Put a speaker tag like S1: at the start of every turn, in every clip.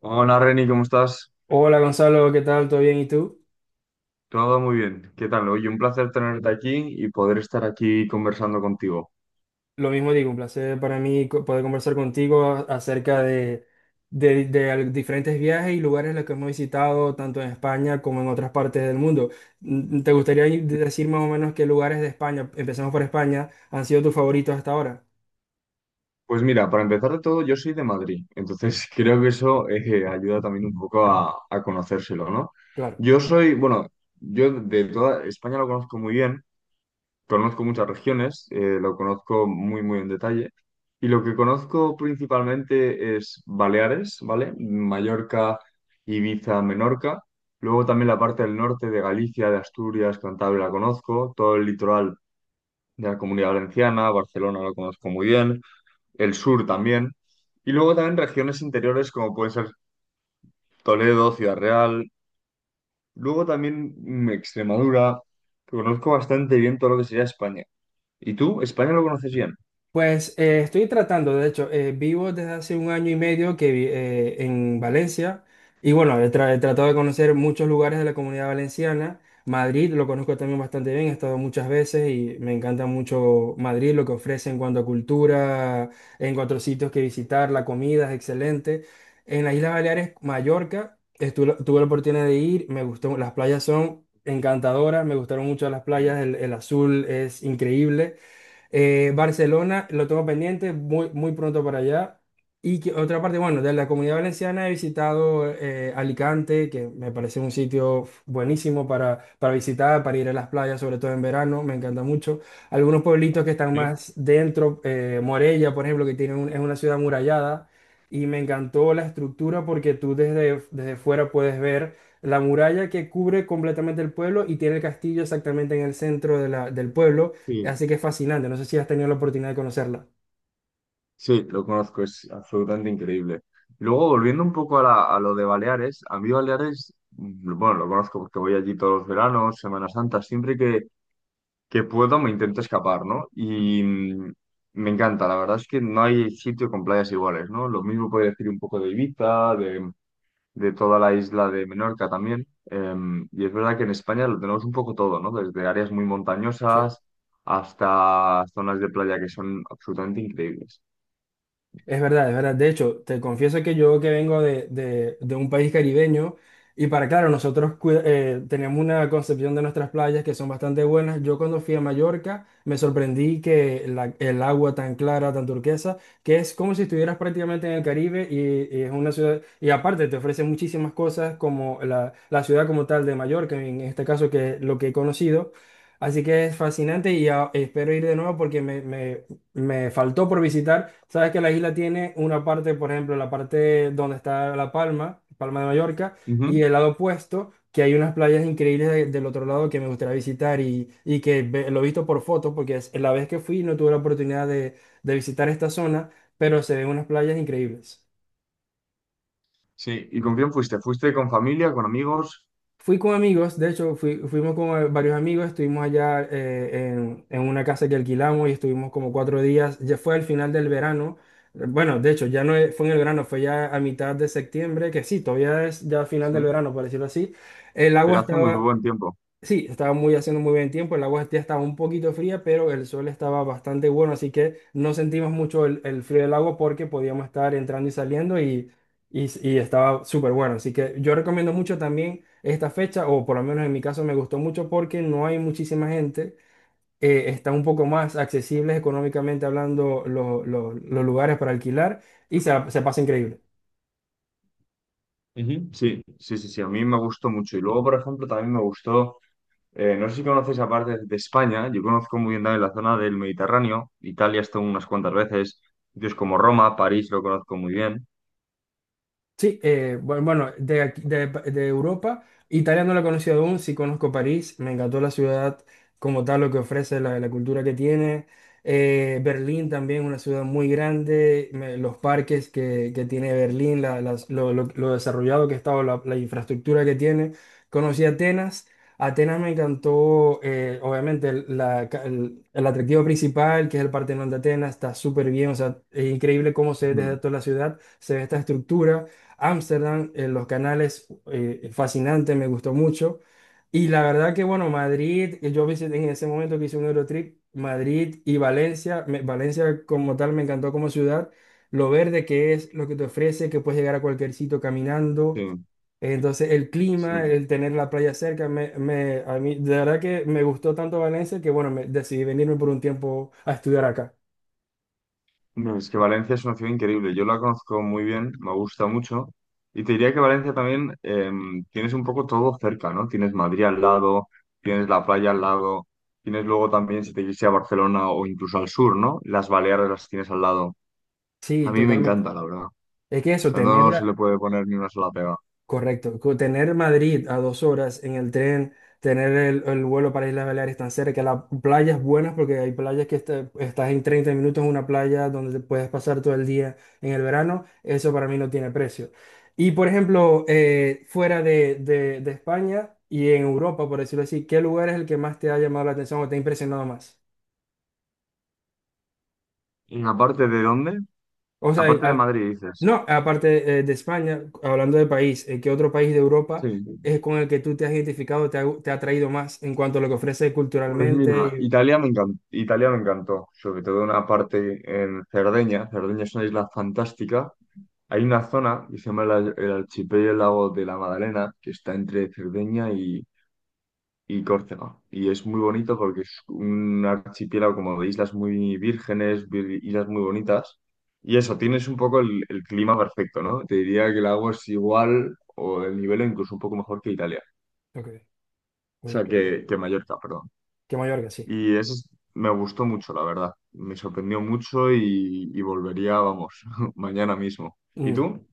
S1: Hola Reni, ¿cómo estás?
S2: Hola Gonzalo, ¿qué tal? ¿Todo bien? ¿Y tú?
S1: Todo muy bien. ¿Qué tal? Oye, un placer tenerte aquí y poder estar aquí conversando contigo.
S2: Lo mismo digo, un placer para mí poder conversar contigo acerca de diferentes viajes y lugares en los que hemos visitado, tanto en España como en otras partes del mundo. ¿Te gustaría decir más o menos qué lugares de España, empezamos por España, han sido tus favoritos hasta ahora?
S1: Pues mira, para empezar de todo, yo soy de Madrid, entonces creo que eso ayuda también un poco a conocérselo, ¿no?
S2: Claro.
S1: Yo soy, bueno, yo de toda España lo conozco muy bien. Conozco muchas regiones, lo conozco muy, muy en detalle. Y lo que conozco principalmente es Baleares, ¿vale? Mallorca, Ibiza, Menorca. Luego también la parte del norte de Galicia, de Asturias, Cantabria la conozco. Todo el litoral de la Comunidad Valenciana, Barcelona lo conozco muy bien. El sur también. Y luego también regiones interiores como puede ser Toledo, Ciudad Real. Luego también Extremadura. Que Conozco bastante bien todo lo que sería España. ¿Y tú? ¿España lo conoces bien?
S2: Pues estoy tratando, de hecho, vivo desde hace 1 año y medio que en Valencia y bueno, he tratado de conocer muchos lugares de la Comunidad Valenciana. Madrid lo conozco también bastante bien, he estado muchas veces y me encanta mucho Madrid, lo que ofrece en cuanto a cultura, en cuanto a sitios que visitar, la comida es excelente. En las Islas Baleares, Mallorca, tuve la oportunidad de ir, me gustó, las playas son encantadoras, me gustaron mucho las
S1: Sí,
S2: playas, el azul es increíble. Barcelona, lo tengo pendiente, muy, muy pronto para allá. Y que, otra parte, bueno, de la Comunidad Valenciana he visitado Alicante, que me parece un sitio buenísimo para visitar, para ir a las playas, sobre todo en verano, me encanta mucho. Algunos pueblitos que están más dentro, Morella, por ejemplo, que es una ciudad murallada, y me encantó la estructura porque tú desde, desde fuera puedes ver la muralla que cubre completamente el pueblo y tiene el castillo exactamente en el centro de del pueblo.
S1: sí,
S2: Así que es fascinante. No sé si has tenido la oportunidad de conocerla.
S1: sí, lo conozco, es absolutamente increíble. Y luego, volviendo un poco a lo de Baleares, a mí Baleares, bueno, lo conozco porque voy allí todos los veranos, Semana Santa, siempre que puedo me intento escapar, ¿no? Y me encanta, la verdad es que no hay sitio con playas iguales, ¿no? Lo mismo puede decir un poco de Ibiza, de toda la isla de Menorca también. Y es verdad que en España lo tenemos un poco todo, ¿no? Desde áreas muy
S2: Sí.
S1: montañosas hasta zonas de playa que son absolutamente increíbles.
S2: Es verdad, es verdad. De hecho, te confieso que yo que vengo de un país caribeño y para claro, nosotros tenemos una concepción de nuestras playas que son bastante buenas. Yo cuando fui a Mallorca me sorprendí que el agua tan clara, tan turquesa, que es como si estuvieras prácticamente en el Caribe y es una ciudad, y aparte te ofrece muchísimas cosas como la ciudad como tal de Mallorca, en este caso que es lo que he conocido. Así que es fascinante y espero ir de nuevo porque me faltó por visitar. Sabes que la isla tiene una parte, por ejemplo, la parte donde está La Palma, Palma de Mallorca,
S1: Ujú.
S2: y el lado opuesto, que hay unas playas increíbles del otro lado que me gustaría visitar y que lo he visto por fotos, porque es, la vez que fui no tuve la oportunidad de visitar esta zona, pero se ven unas playas increíbles.
S1: Sí, ¿y con quién fuiste? ¿Fuiste con familia, con amigos?
S2: Fui con amigos, de hecho, fuimos con varios amigos, estuvimos allá en una casa que alquilamos y estuvimos como 4 días. Ya fue al final del verano. Bueno, de hecho, ya no es- fue en el verano, fue ya a mitad de septiembre, que sí, todavía es ya final
S1: Sí,
S2: del verano, por decirlo así. El agua
S1: pero hace muy
S2: Estaba,
S1: buen tiempo.
S2: sí, estaba muy haciendo muy buen tiempo, el agua ya estaba un poquito fría, pero el sol estaba bastante bueno, así que no sentimos mucho el frío del agua porque podíamos estar entrando y saliendo y estaba súper bueno. Así que yo recomiendo mucho también esta fecha, o por lo menos en mi caso me gustó mucho porque no hay muchísima gente, está un poco más accesibles económicamente hablando los lugares para alquilar y se pasa increíble.
S1: Ujú. Sí, sí, sí, sí, a mí me gustó mucho. Y luego, por ejemplo, también me gustó, no sé si conoces aparte de España, yo conozco muy bien también la zona del Mediterráneo, Italia estuve unas cuantas veces, sitios como Roma, París lo conozco muy bien.
S2: Sí, bueno, de Europa, Italia no la he conocido aún, sí conozco París, me encantó la ciudad como tal, lo que ofrece, la cultura que tiene. Berlín también, una ciudad muy grande, los parques que tiene Berlín, lo desarrollado que está, o la infraestructura que tiene. Conocí Atenas, Atenas me encantó, obviamente, el atractivo principal, que es el Partenón de Atenas, está súper bien, o sea, es increíble cómo se ve
S1: Ujú.
S2: desde toda la ciudad, se ve esta estructura. Ámsterdam, los canales, fascinante, me gustó mucho. Y la verdad que, bueno, Madrid, que yo visité en ese momento que hice un Eurotrip, Madrid y Valencia, Valencia como tal me encantó como ciudad, lo verde que es, lo que te ofrece, que puedes llegar a cualquier sitio caminando.
S1: Sí.
S2: Entonces, el
S1: Sí.
S2: clima, el tener la playa cerca, a mí, de verdad que me gustó tanto Valencia que, bueno, me, decidí venirme por un tiempo a estudiar acá.
S1: No, es que Valencia es una ciudad increíble. Yo la conozco muy bien, me gusta mucho. Y te diría que Valencia también tienes un poco todo cerca, ¿no? Tienes Madrid al lado, tienes la playa al lado, tienes luego también, si te quieres ir a Barcelona o incluso al sur, ¿no? Las Baleares las tienes al lado.
S2: Sí,
S1: A mí me
S2: totalmente.
S1: encanta, la verdad. O
S2: Es que eso,
S1: sea,
S2: tener
S1: no se le puede poner ni una sola pega.
S2: correcto. Tener Madrid a 2 horas en el tren, tener el vuelo para Islas Baleares tan cerca, las playas buenas, porque hay playas que estás en 30 minutos en una playa donde te puedes pasar todo el día en el verano, eso para mí no tiene precio. Y por ejemplo, fuera de, de España y en Europa, por decirlo así, ¿qué lugar es el que más te ha llamado la atención o te ha impresionado más?
S1: ¿Y aparte de dónde?
S2: O
S1: Aparte de
S2: sea,
S1: Madrid, dices.
S2: no, aparte de España, hablando de país, ¿qué otro país de
S1: Sí.
S2: Europa es con el que tú te has identificado, te ha atraído más en cuanto a lo que ofrece
S1: Pues mira,
S2: culturalmente?
S1: Italia me encantó, sobre todo una parte en Cerdeña. Cerdeña es una isla fantástica. Hay una zona que se llama el archipiélago de la Madalena, que está entre Cerdeña y Córcega. Y es muy bonito porque es un archipiélago como de islas muy vírgenes, islas muy bonitas. Y eso, tienes un poco el clima perfecto, ¿no? Te diría que el agua es igual o el nivel incluso un poco mejor que Italia.
S2: Y... Ok,
S1: O
S2: muy
S1: sea,
S2: increíble.
S1: que Mallorca, perdón.
S2: Que Mallorca, sí.
S1: Y eso es- Me gustó mucho, la verdad. Me sorprendió mucho y volvería, vamos, mañana mismo. ¿Y
S2: Mm,
S1: tú?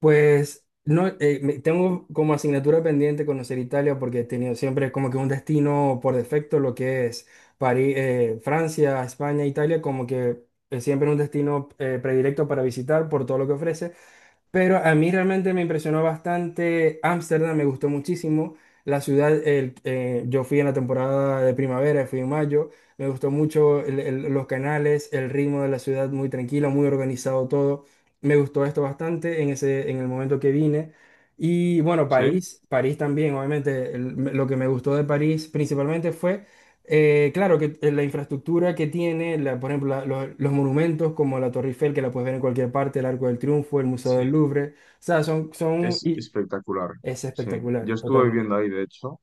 S2: pues no, tengo como asignatura pendiente conocer Italia porque he tenido siempre como que un destino por defecto, lo que es París, Francia, España, Italia, como que es siempre un destino predilecto para visitar por todo lo que ofrece. Pero a mí realmente me impresionó bastante Ámsterdam, me gustó muchísimo. La ciudad, yo fui en la temporada de primavera, fui en mayo, me gustó mucho los canales, el ritmo de la ciudad muy tranquilo, muy organizado todo. Me gustó esto bastante en ese, en el momento que vine. Y bueno,
S1: ¿Sí?
S2: París, París también, obviamente, lo que me gustó de París principalmente fue claro que la infraestructura que tiene, por ejemplo, los monumentos como la Torre Eiffel, que la puedes ver en cualquier parte, el Arco del Triunfo, el Museo
S1: Sí.
S2: del Louvre, o sea, son, son,
S1: Es
S2: y
S1: espectacular,
S2: es
S1: sí. Yo
S2: espectacular,
S1: estuve
S2: totalmente.
S1: viviendo ahí, de hecho,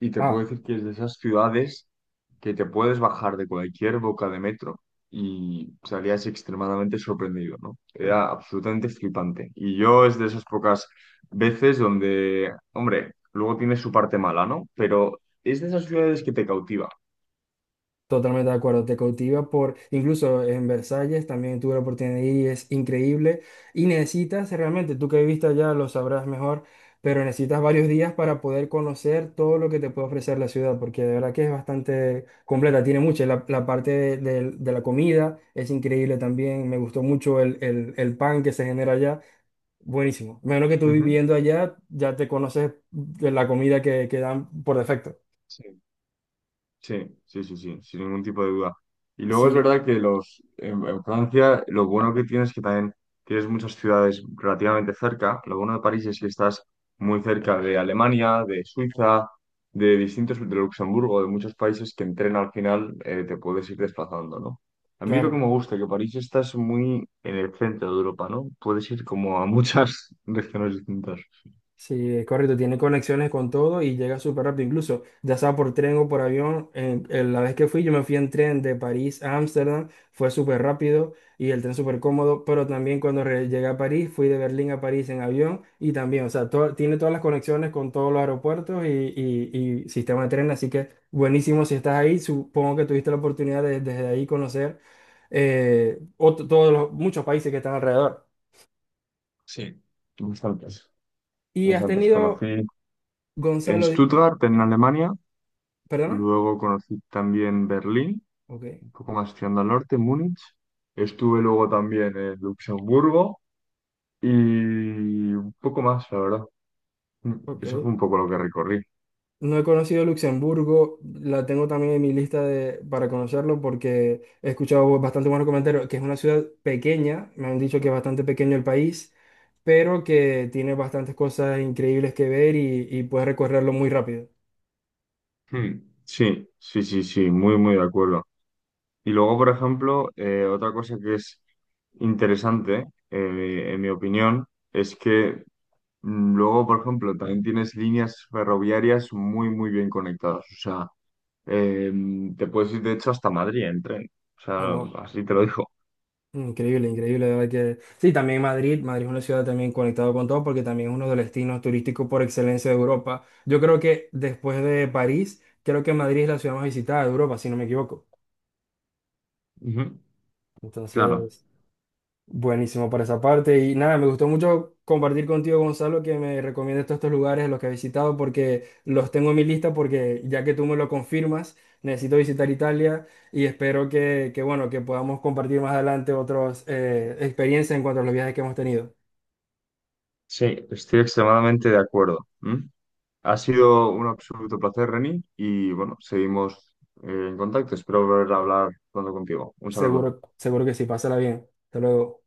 S1: y te puedo
S2: Ah,
S1: decir que es de esas ciudades que te puedes bajar de cualquier boca de metro y salías extremadamente sorprendido, ¿no? Era absolutamente flipante. Y yo es de esas pocas veces donde, hombre, luego tiene su parte mala, ¿no? Pero es de esas ciudades que te cautiva.
S2: totalmente de acuerdo, te cautiva por, incluso en Versalles también tuve la oportunidad de ir y es increíble y necesitas realmente, tú que viviste allá lo sabrás mejor, pero necesitas varios días para poder conocer todo lo que te puede ofrecer la ciudad, porque de verdad que es bastante completa, tiene mucho, la parte de la comida es increíble también, me gustó mucho el pan que se genera allá, buenísimo. Menos que tú
S1: Ujú.
S2: viviendo allá, ya te conoces de la comida que dan por defecto.
S1: Sí. Sí, sí, sí, sí, sin ningún tipo de duda. Y luego es
S2: Sí,
S1: verdad que en Francia lo bueno que tienes es que también tienes muchas ciudades relativamente cerca. Lo bueno de París es que estás muy cerca de Alemania, de Suiza, de Luxemburgo, de muchos países que en tren al final te puedes ir desplazando, ¿no? A mí lo que
S2: claro.
S1: me gusta es que París estás muy en el centro de Europa, ¿no? Puedes ir como a muchas regiones distintas.
S2: Sí, es correcto, tiene conexiones con todo y llega súper rápido, incluso ya sea por tren o por avión. En en la vez que fui, yo me fui en tren de París a Ámsterdam, fue súper rápido y el tren súper cómodo, pero también cuando llegué a París, fui de Berlín a París en avión y también, o sea, tiene todas las conexiones con todos los aeropuertos y, y sistema de tren, así que buenísimo si estás ahí, supongo que tuviste la oportunidad de desde ahí conocer todos los, muchos países que están alrededor.
S1: Sí. Bastantes,
S2: ¿Y has
S1: bastantes.
S2: tenido,
S1: Conocí en
S2: Gonzalo,
S1: Stuttgart, en Alemania.
S2: perdona?
S1: Luego conocí también Berlín,
S2: Ok.
S1: un poco más tirando al norte, Múnich. Estuve luego también en Luxemburgo y un poco más, la verdad. Mm,
S2: Ok.
S1: Eso fue un poco lo que recorrí.
S2: No he conocido Luxemburgo, la tengo también en mi lista de, para conocerlo porque he escuchado bastante buenos comentarios, que es una ciudad pequeña, me han dicho que es bastante pequeño el país, pero que tiene bastantes cosas increíbles que ver y puedes recorrerlo muy rápido.
S1: Hmm, Sí, sí, sí, sí, muy, muy de acuerdo. Y luego, por ejemplo, otra cosa que es interesante, en mi opinión, es que luego, por ejemplo, también tienes líneas ferroviarias muy, muy bien conectadas. O sea, Eh, te puedes ir, de hecho, hasta Madrid en tren. O
S2: Ah,
S1: sea,
S2: wow.
S1: así te lo digo.
S2: Increíble, increíble, de verdad que... Sí, también Madrid, Madrid es una ciudad también conectada con todo porque también es uno de los destinos turísticos por excelencia de Europa. Yo creo que después de París, creo que Madrid es la ciudad más visitada de Europa, si no me equivoco.
S1: Ujú. Claro.
S2: Entonces... Buenísimo por esa parte. Y nada, me gustó mucho compartir contigo, Gonzalo, que me recomiendes todos estos lugares a los que he visitado, porque los tengo en mi lista, porque ya que tú me lo confirmas, necesito visitar Italia y espero que, bueno, que podamos compartir más adelante otras experiencias en cuanto a los viajes que hemos tenido.
S1: Sí, estoy extremadamente de acuerdo. ¿Mm? Ha sido un absoluto placer, Reni, y bueno, seguimos en contacto. Espero volver a hablar pronto contigo. Un saludo.
S2: Seguro, seguro que sí, pásala bien. Hasta luego.